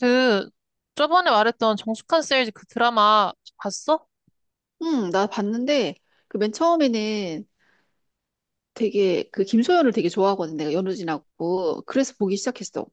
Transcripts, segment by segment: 그 저번에 말했던 정숙한 세일즈 그 드라마 봤어? 응, 나 봤는데, 그 맨 처음에는 되게, 그 김소연을 되게 좋아하거든, 내가 연우진하고. 그래서 보기 시작했어.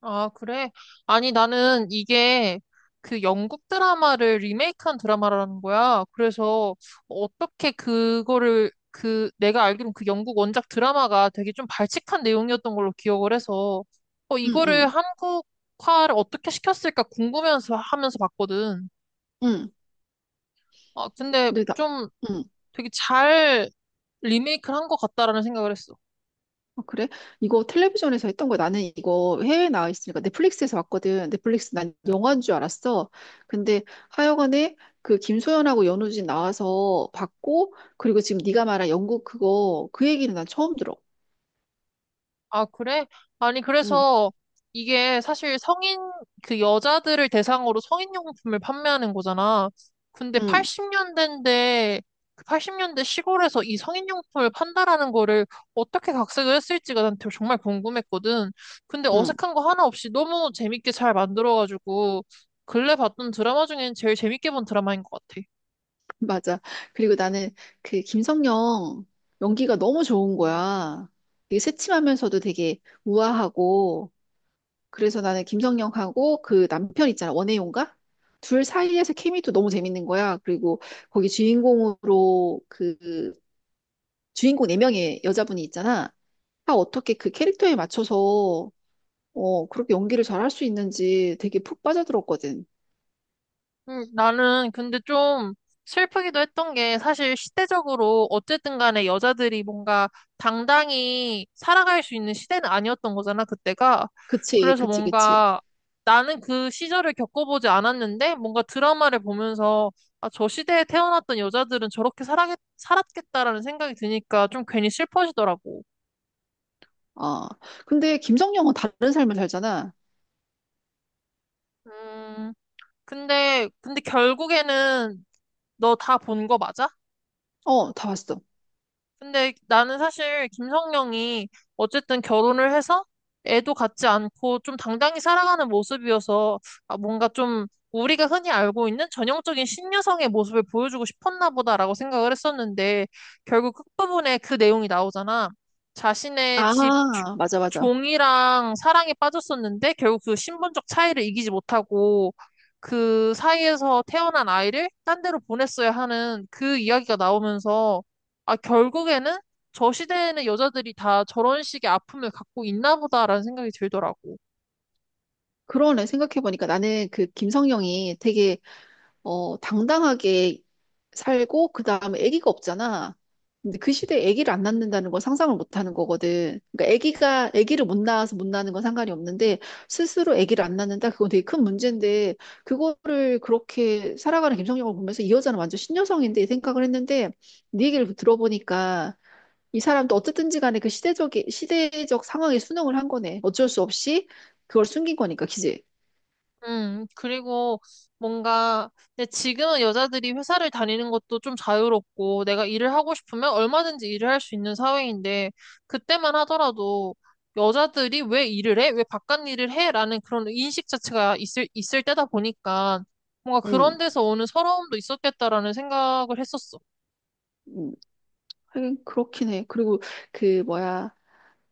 아, 그래? 아니, 나는 이게 그 영국 드라마를 리메이크한 드라마라는 거야. 그래서 어떻게 그거를 그 내가 알기로는 그 영국 원작 드라마가 되게 좀 발칙한 내용이었던 걸로 기억을 해서 응, 이거를 응, 한국화를 어떻게 시켰을까 궁금해서 하면서 봤거든. 응. 아, 근데 근데 나, 좀 응. 되게 잘 리메이크를 한 것 같다라는 생각을 했어. 아, 그래? 이거 텔레비전에서 했던 거야. 나는 이거 해외에 나와 있으니까 넷플릭스에서 봤거든. 넷플릭스 난 영화인 줄 알았어. 근데 하여간에 그 김소연하고 연우진 나와서 봤고, 그리고 지금 네가 말한 영국 그거, 그 얘기는 난 처음 들어. 아, 그래? 아니, 응, 그래서 이게 사실 그 여자들을 대상으로 성인용품을 판매하는 거잖아. 근데 응, 80년대인데, 그8년대 시골에서 이 성인용품을 판다라는 거를 어떻게 각색을 했을지가 난 되게 정말 궁금했거든. 근데 응. 어색한 거 하나 없이 너무 재밌게 잘 만들어가지고, 근래 봤던 드라마 중엔 제일 재밌게 본 드라마인 것 같아. 맞아. 그리고 나는 그 김성령 연기가 너무 좋은 거야. 되게 새침하면서도 되게 우아하고, 그래서 나는 김성령하고 그 남편 있잖아. 원혜용가? 둘 사이에서 케미도 너무 재밌는 거야. 그리고 거기 주인공으로 그 주인공 네명의 여자분이 있잖아. 다 어떻게 그 캐릭터에 맞춰서 그렇게 연기를 잘할 수 있는지 되게 푹 빠져들었거든. 나는 근데 좀 슬프기도 했던 게 사실 시대적으로 어쨌든 간에 여자들이 뭔가 당당히 살아갈 수 있는 시대는 아니었던 거잖아, 그때가. 그치, 그래서 그치, 그치. 뭔가 나는 그 시절을 겪어보지 않았는데 뭔가 드라마를 보면서 아, 저 시대에 태어났던 여자들은 살았겠다라는 생각이 드니까 좀 괜히 슬퍼지더라고. 아, 근데 김성령은 다른 삶을 살잖아. 음, 근데 결국에는 너 다 본 거 맞아? 어, 다 봤어. 근데 나는 사실 김성령이 어쨌든 결혼을 해서 애도 갖지 않고 좀 당당히 살아가는 모습이어서 아, 뭔가 좀 우리가 흔히 알고 있는 전형적인 신여성의 모습을 보여주고 싶었나 보다라고 생각을 했었는데 결국 끝부분에 그 내용이 나오잖아. 자신의 집 아, 맞아, 맞아. 종이랑 사랑에 빠졌었는데 결국 그 신분적 차이를 이기지 못하고 그 사이에서 태어난 아이를 딴 데로 보냈어야 하는 그 이야기가 나오면서 아, 결국에는 저 시대에는 여자들이 다 저런 식의 아픔을 갖고 있나 보다라는 생각이 들더라고. 그러네. 생각해보니까 나는 그 김성령이 되게, 당당하게 살고, 그 다음에 아기가 없잖아. 근데 그 시대에 아기를 안 낳는다는 건 상상을 못 하는 거거든. 그러니까 아기를 못 낳아서 못 낳는 건 상관이 없는데, 스스로 아기를 안 낳는다? 그건 되게 큰 문제인데, 그거를 그렇게 살아가는 김성령을 보면서 이 여자는 완전 신여성인데, 이 생각을 했는데, 네 얘기를 들어보니까, 이 사람도 어쨌든지 간에 그 시대적 상황에 순응을 한 거네. 어쩔 수 없이 그걸 숨긴 거니까, 그지? 그리고 뭔가, 근데 지금은 여자들이 회사를 다니는 것도 좀 자유롭고, 내가 일을 하고 싶으면 얼마든지 일을 할 수 있는 사회인데, 그때만 하더라도 여자들이 왜 일을 해? 왜 바깥 일을 해? 라는 그런 인식 자체가 있을 때다 보니까, 뭔가 그런 응, 데서 오는 서러움도 있었겠다라는 생각을 했었어. 응. 하긴 그렇긴 해. 그리고 그, 뭐야,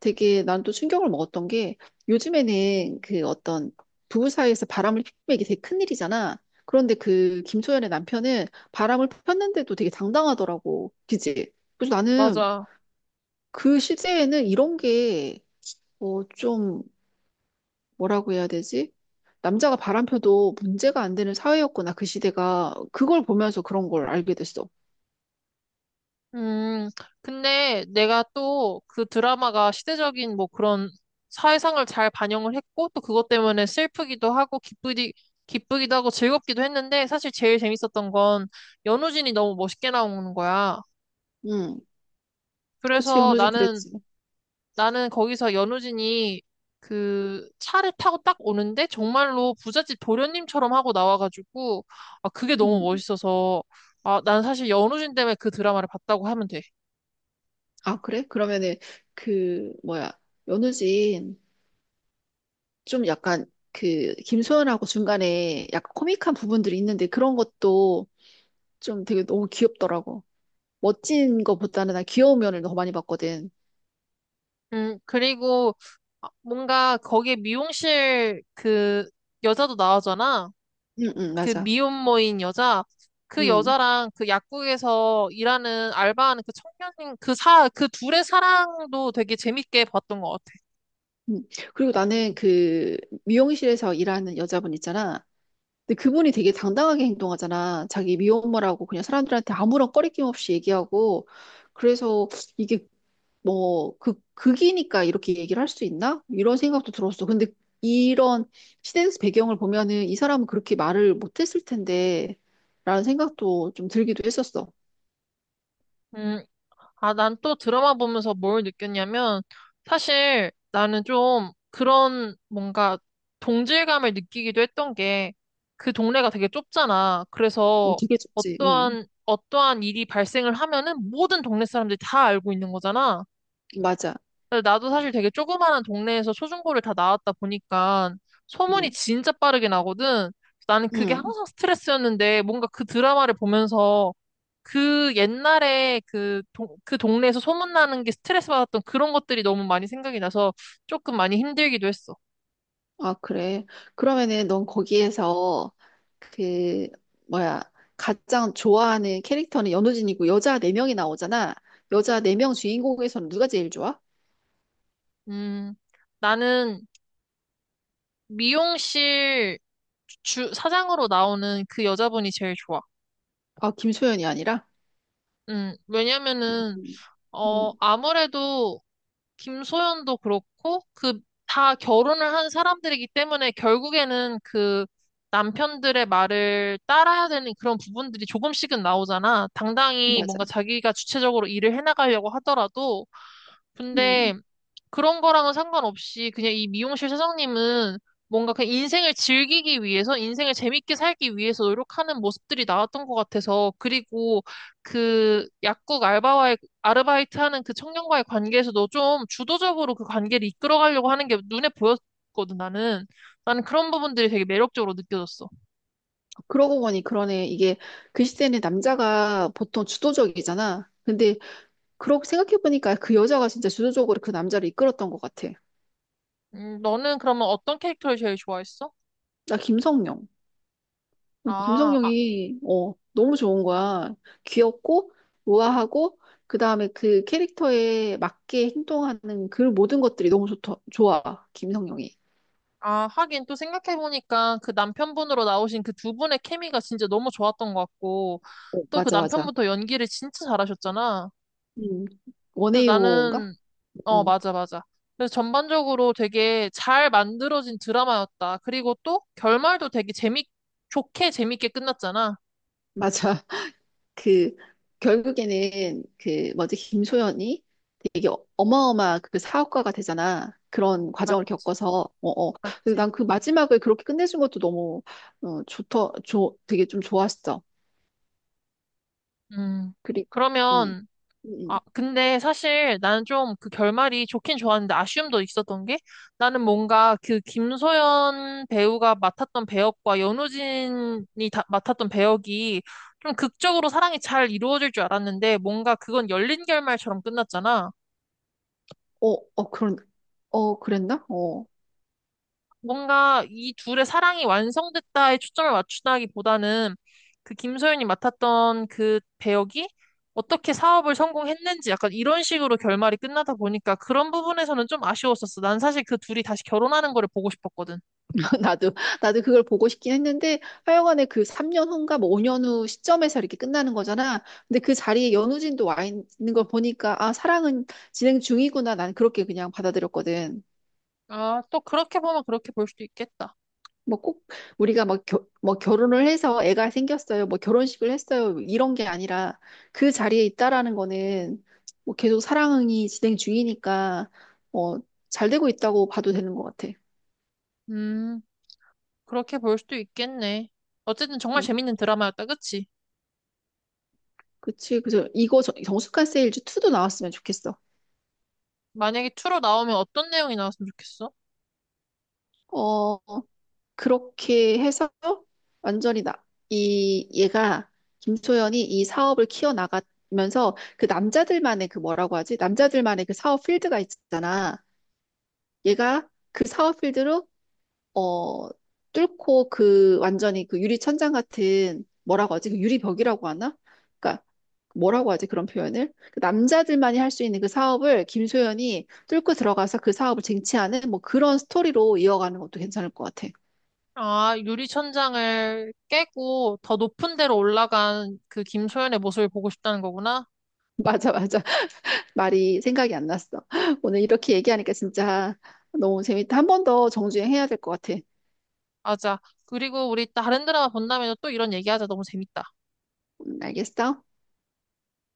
되게 난 또 충격을 먹었던 게, 요즘에는 그 어떤 부부 사이에서 바람을 피우는 게 되게 큰일이잖아. 그런데 그 김소연의 남편은 바람을 폈는데도 되게 당당하더라고. 그지? 그래서 나는 맞아. 그 시대에는 이런 게, 좀, 뭐라고 해야 되지? 남자가 바람펴도 문제가 안 되는 사회였구나, 그 시대가. 그걸 보면서 그런 걸 알게 됐어. 음, 근데 내가 또 그 드라마가 시대적인 뭐 그런 사회상을 잘 반영을 했고 또 그것 때문에 슬프기도 하고 기쁘기도 하고 즐겁기도 했는데 사실 제일 재밌었던 건 연우진이 너무 멋있게 나오는 거야. 응. 그치, 그래서 연우진 나는, 그랬지. 나는 거기서 연우진이 그 차를 타고 딱 오는데 정말로 부잣집 도련님처럼 하고 나와가지고 아, 그게 너무 음, 멋있어서 아, 난 사실 연우진 때문에 그 드라마를 봤다고 하면 돼. 아, 그래? 그러면은, 그, 뭐야. 연우진, 좀 약간, 그, 김소연하고 중간에 약간 코믹한 부분들이 있는데, 그런 것도 좀 되게 너무 귀엽더라고. 멋진 거보다는 난 귀여운 면을 더 많이 봤거든. 그리고 아, 뭔가 거기에 미용실 그 여자도 나오잖아. 응, 응, 그 맞아. 미혼모인 여자. 그 응. 여자랑 그 약국에서 일하는 알바하는 그 청년인 그 둘의 사랑도 되게 재밌게 봤던 것 같아. 응. 그리고 나는 그 미용실에서 일하는 여자분 있잖아. 근데 그분이 되게 당당하게 행동하잖아. 자기 미혼모라고 그냥 사람들한테 아무런 꺼리낌 없이 얘기하고. 그래서 이게 뭐, 극이니까 이렇게 얘기를 할 수 있나? 이런 생각도 들었어. 근데 이런 시대 배경을 보면은 이 사람은 그렇게 말을 못했을 텐데, 라는 생각도 좀 들기도 했었어. 음, 아, 난 또 드라마 보면서 뭘 느꼈냐면, 사실 나는 좀 그런 뭔가 동질감을 느끼기도 했던 게, 그 동네가 되게 좁잖아. 그래서 되게 좋지. 어떠한 일이 발생을 하면은 모든 동네 사람들이 다 알고 있는 거잖아. 맞아. 근데 나도 사실 되게 조그마한 동네에서 초중고를 다 나왔다 보니까 음, 소문이 진짜 빠르게 나거든. 나는 그게 음. 항상 스트레스였는데, 뭔가 그 드라마를 보면서 그 옛날에 그 동네에서 소문나는 게 스트레스 받았던 그런 것들이 너무 많이 생각이 나서 조금 많이 힘들기도 했어. 아, 그래. 그러면은 넌 거기에서 그, 뭐야, 가장 좋아하는 캐릭터는 연우진이고 여자 네명이 나오잖아. 여자 네 명 주인공에서는 누가 제일 좋아? 음, 나는 미용실 사장으로 나오는 그 여자분이 제일 좋아. 아, 김소연이 아니라? 왜냐면은, 음, 음, 아무래도 김소연도 그렇고 그 다 결혼을 한 사람들이기 때문에 결국에는 그 남편들의 말을 따라야 되는 그런 부분들이 조금씩은 나오잖아. 당당히 맞아. 뭔가 자기가 주체적으로 일을 해나가려고 하더라도. 근데 음. 그런 거랑은 상관없이 그냥 이 미용실 사장님은 뭔가 그냥 인생을 즐기기 위해서, 인생을 재밌게 살기 위해서 노력하는 모습들이 나왔던 것 같아서, 그리고 그 약국 알바와의, 아르바이트 하는 그 청년과의 관계에서도 좀 주도적으로 그 관계를 이끌어가려고 하는 게 눈에 보였거든, 나는. 나는 그런 부분들이 되게 매력적으로 느껴졌어. 그러고 보니 그러네. 이게 그 시대는 남자가 보통 주도적이잖아. 근데 그렇게 생각해보니까 그 여자가 진짜 주도적으로 그 남자를 이끌었던 것 같아. 너는 그러면 어떤 캐릭터를 제일 좋아했어? 나 김성령. 아, 김성령이 너무 좋은 거야. 귀엽고 우아하고 그다음에 그 캐릭터에 맞게 행동하는 그 모든 것들이 너무 좋아. 김성령이. 아, 하긴 또 생각해보니까 그 남편분으로 나오신 그 두 분의 케미가 진짜 너무 좋았던 것 같고, 어, 또 그 맞아 맞아. 남편부터 연기를 진짜 잘하셨잖아. 음. 그래서 원해요인가? 나는, 어, 음. 맞아, 맞아. 그래서 전반적으로 되게 잘 만들어진 드라마였다. 그리고 또 결말도 좋게 재밌게 끝났잖아. 맞아. 그 결국에는 그 뭐지 김소연이 되게 어마어마한 그 사업가가 되잖아. 그런 과정을 맞지, 겪어서 어어. 근데 맞지. 난 그 마지막을 그렇게 끝내준 것도 너무 어, 좋더 좋 되게 좀 좋았어. 음. 그리고 그러면 음, 아, 근데 사실 나는 좀 그 결말이 좋긴 좋았는데 아쉬움도 있었던 게 나는 뭔가 그 김소연 배우가 맡았던 배역과 연우진이 맡았던 배역이 좀 극적으로 사랑이 잘 이루어질 줄 알았는데 뭔가 그건 열린 결말처럼 끝났잖아. 어, 어, 그런, 어, 그랬나? 어, 뭔가 이 둘의 사랑이 완성됐다에 초점을 맞추다기보다는 그 김소연이 맡았던 그 배역이 어떻게 사업을 성공했는지 약간 이런 식으로 결말이 끝나다 보니까 그런 부분에서는 좀 아쉬웠었어. 난 사실 그 둘이 다시 결혼하는 거를 보고 싶었거든. 나도, 나도 그걸 보고 싶긴 했는데, 하여간에 그 3년 후인가 뭐 5년 후 시점에서 이렇게 끝나는 거잖아. 근데 그 자리에 연우진도 와 있는 걸 보니까, 아, 사랑은 진행 중이구나. 난 그렇게 그냥 받아들였거든. 아, 또 그렇게 보면 그렇게 볼 수도 있겠다. 뭐 꼭 우리가 막, 뭐 결혼을 해서 애가 생겼어요. 뭐 결혼식을 했어요. 이런 게 아니라 그 자리에 있다라는 거는 뭐 계속 사랑이 진행 중이니까, 어, 잘 되고 있다고 봐도 되는 것 같아. 음, 그렇게 볼 수도 있겠네. 어쨌든 정말 음. 재밌는 드라마였다, 그치? 그치. 그래서 이거 정수가 세일즈 2도 나왔으면 좋겠어. 만약에 2로 나오면 어떤 내용이 나왔으면 좋겠어? 어, 그렇게 해서 완전히 얘가, 김소연이 이 사업을 키워나가면서 그 남자들만의 그 뭐라고 하지? 남자들만의 그 사업 필드가 있잖아. 얘가 그 사업 필드로, 어, 뚫고 그 완전히 그 유리천장 같은, 뭐라고 하지? 그 유리벽이라고 하나? 그러니까 뭐라고 하지? 그런 표현을? 그 남자들만이 할 수 있는 그 사업을 김소연이 뚫고 들어가서 그 사업을 쟁취하는, 뭐 그런 스토리로 이어가는 것도 괜찮을 것 같아. 아, 유리천장을 깨고 더 높은 데로 올라간 그 김소연의 모습을 보고 싶다는 거구나. 맞아, 맞아. 말이 생각이 안 났어. 오늘 이렇게 얘기하니까 진짜 너무 재밌다. 한 번 더 정주행 해야 될 것 같아. 맞아. 그리고 우리 다른 드라마 본다면 또 이런 얘기하자. 너무 재밌다. 알겠어?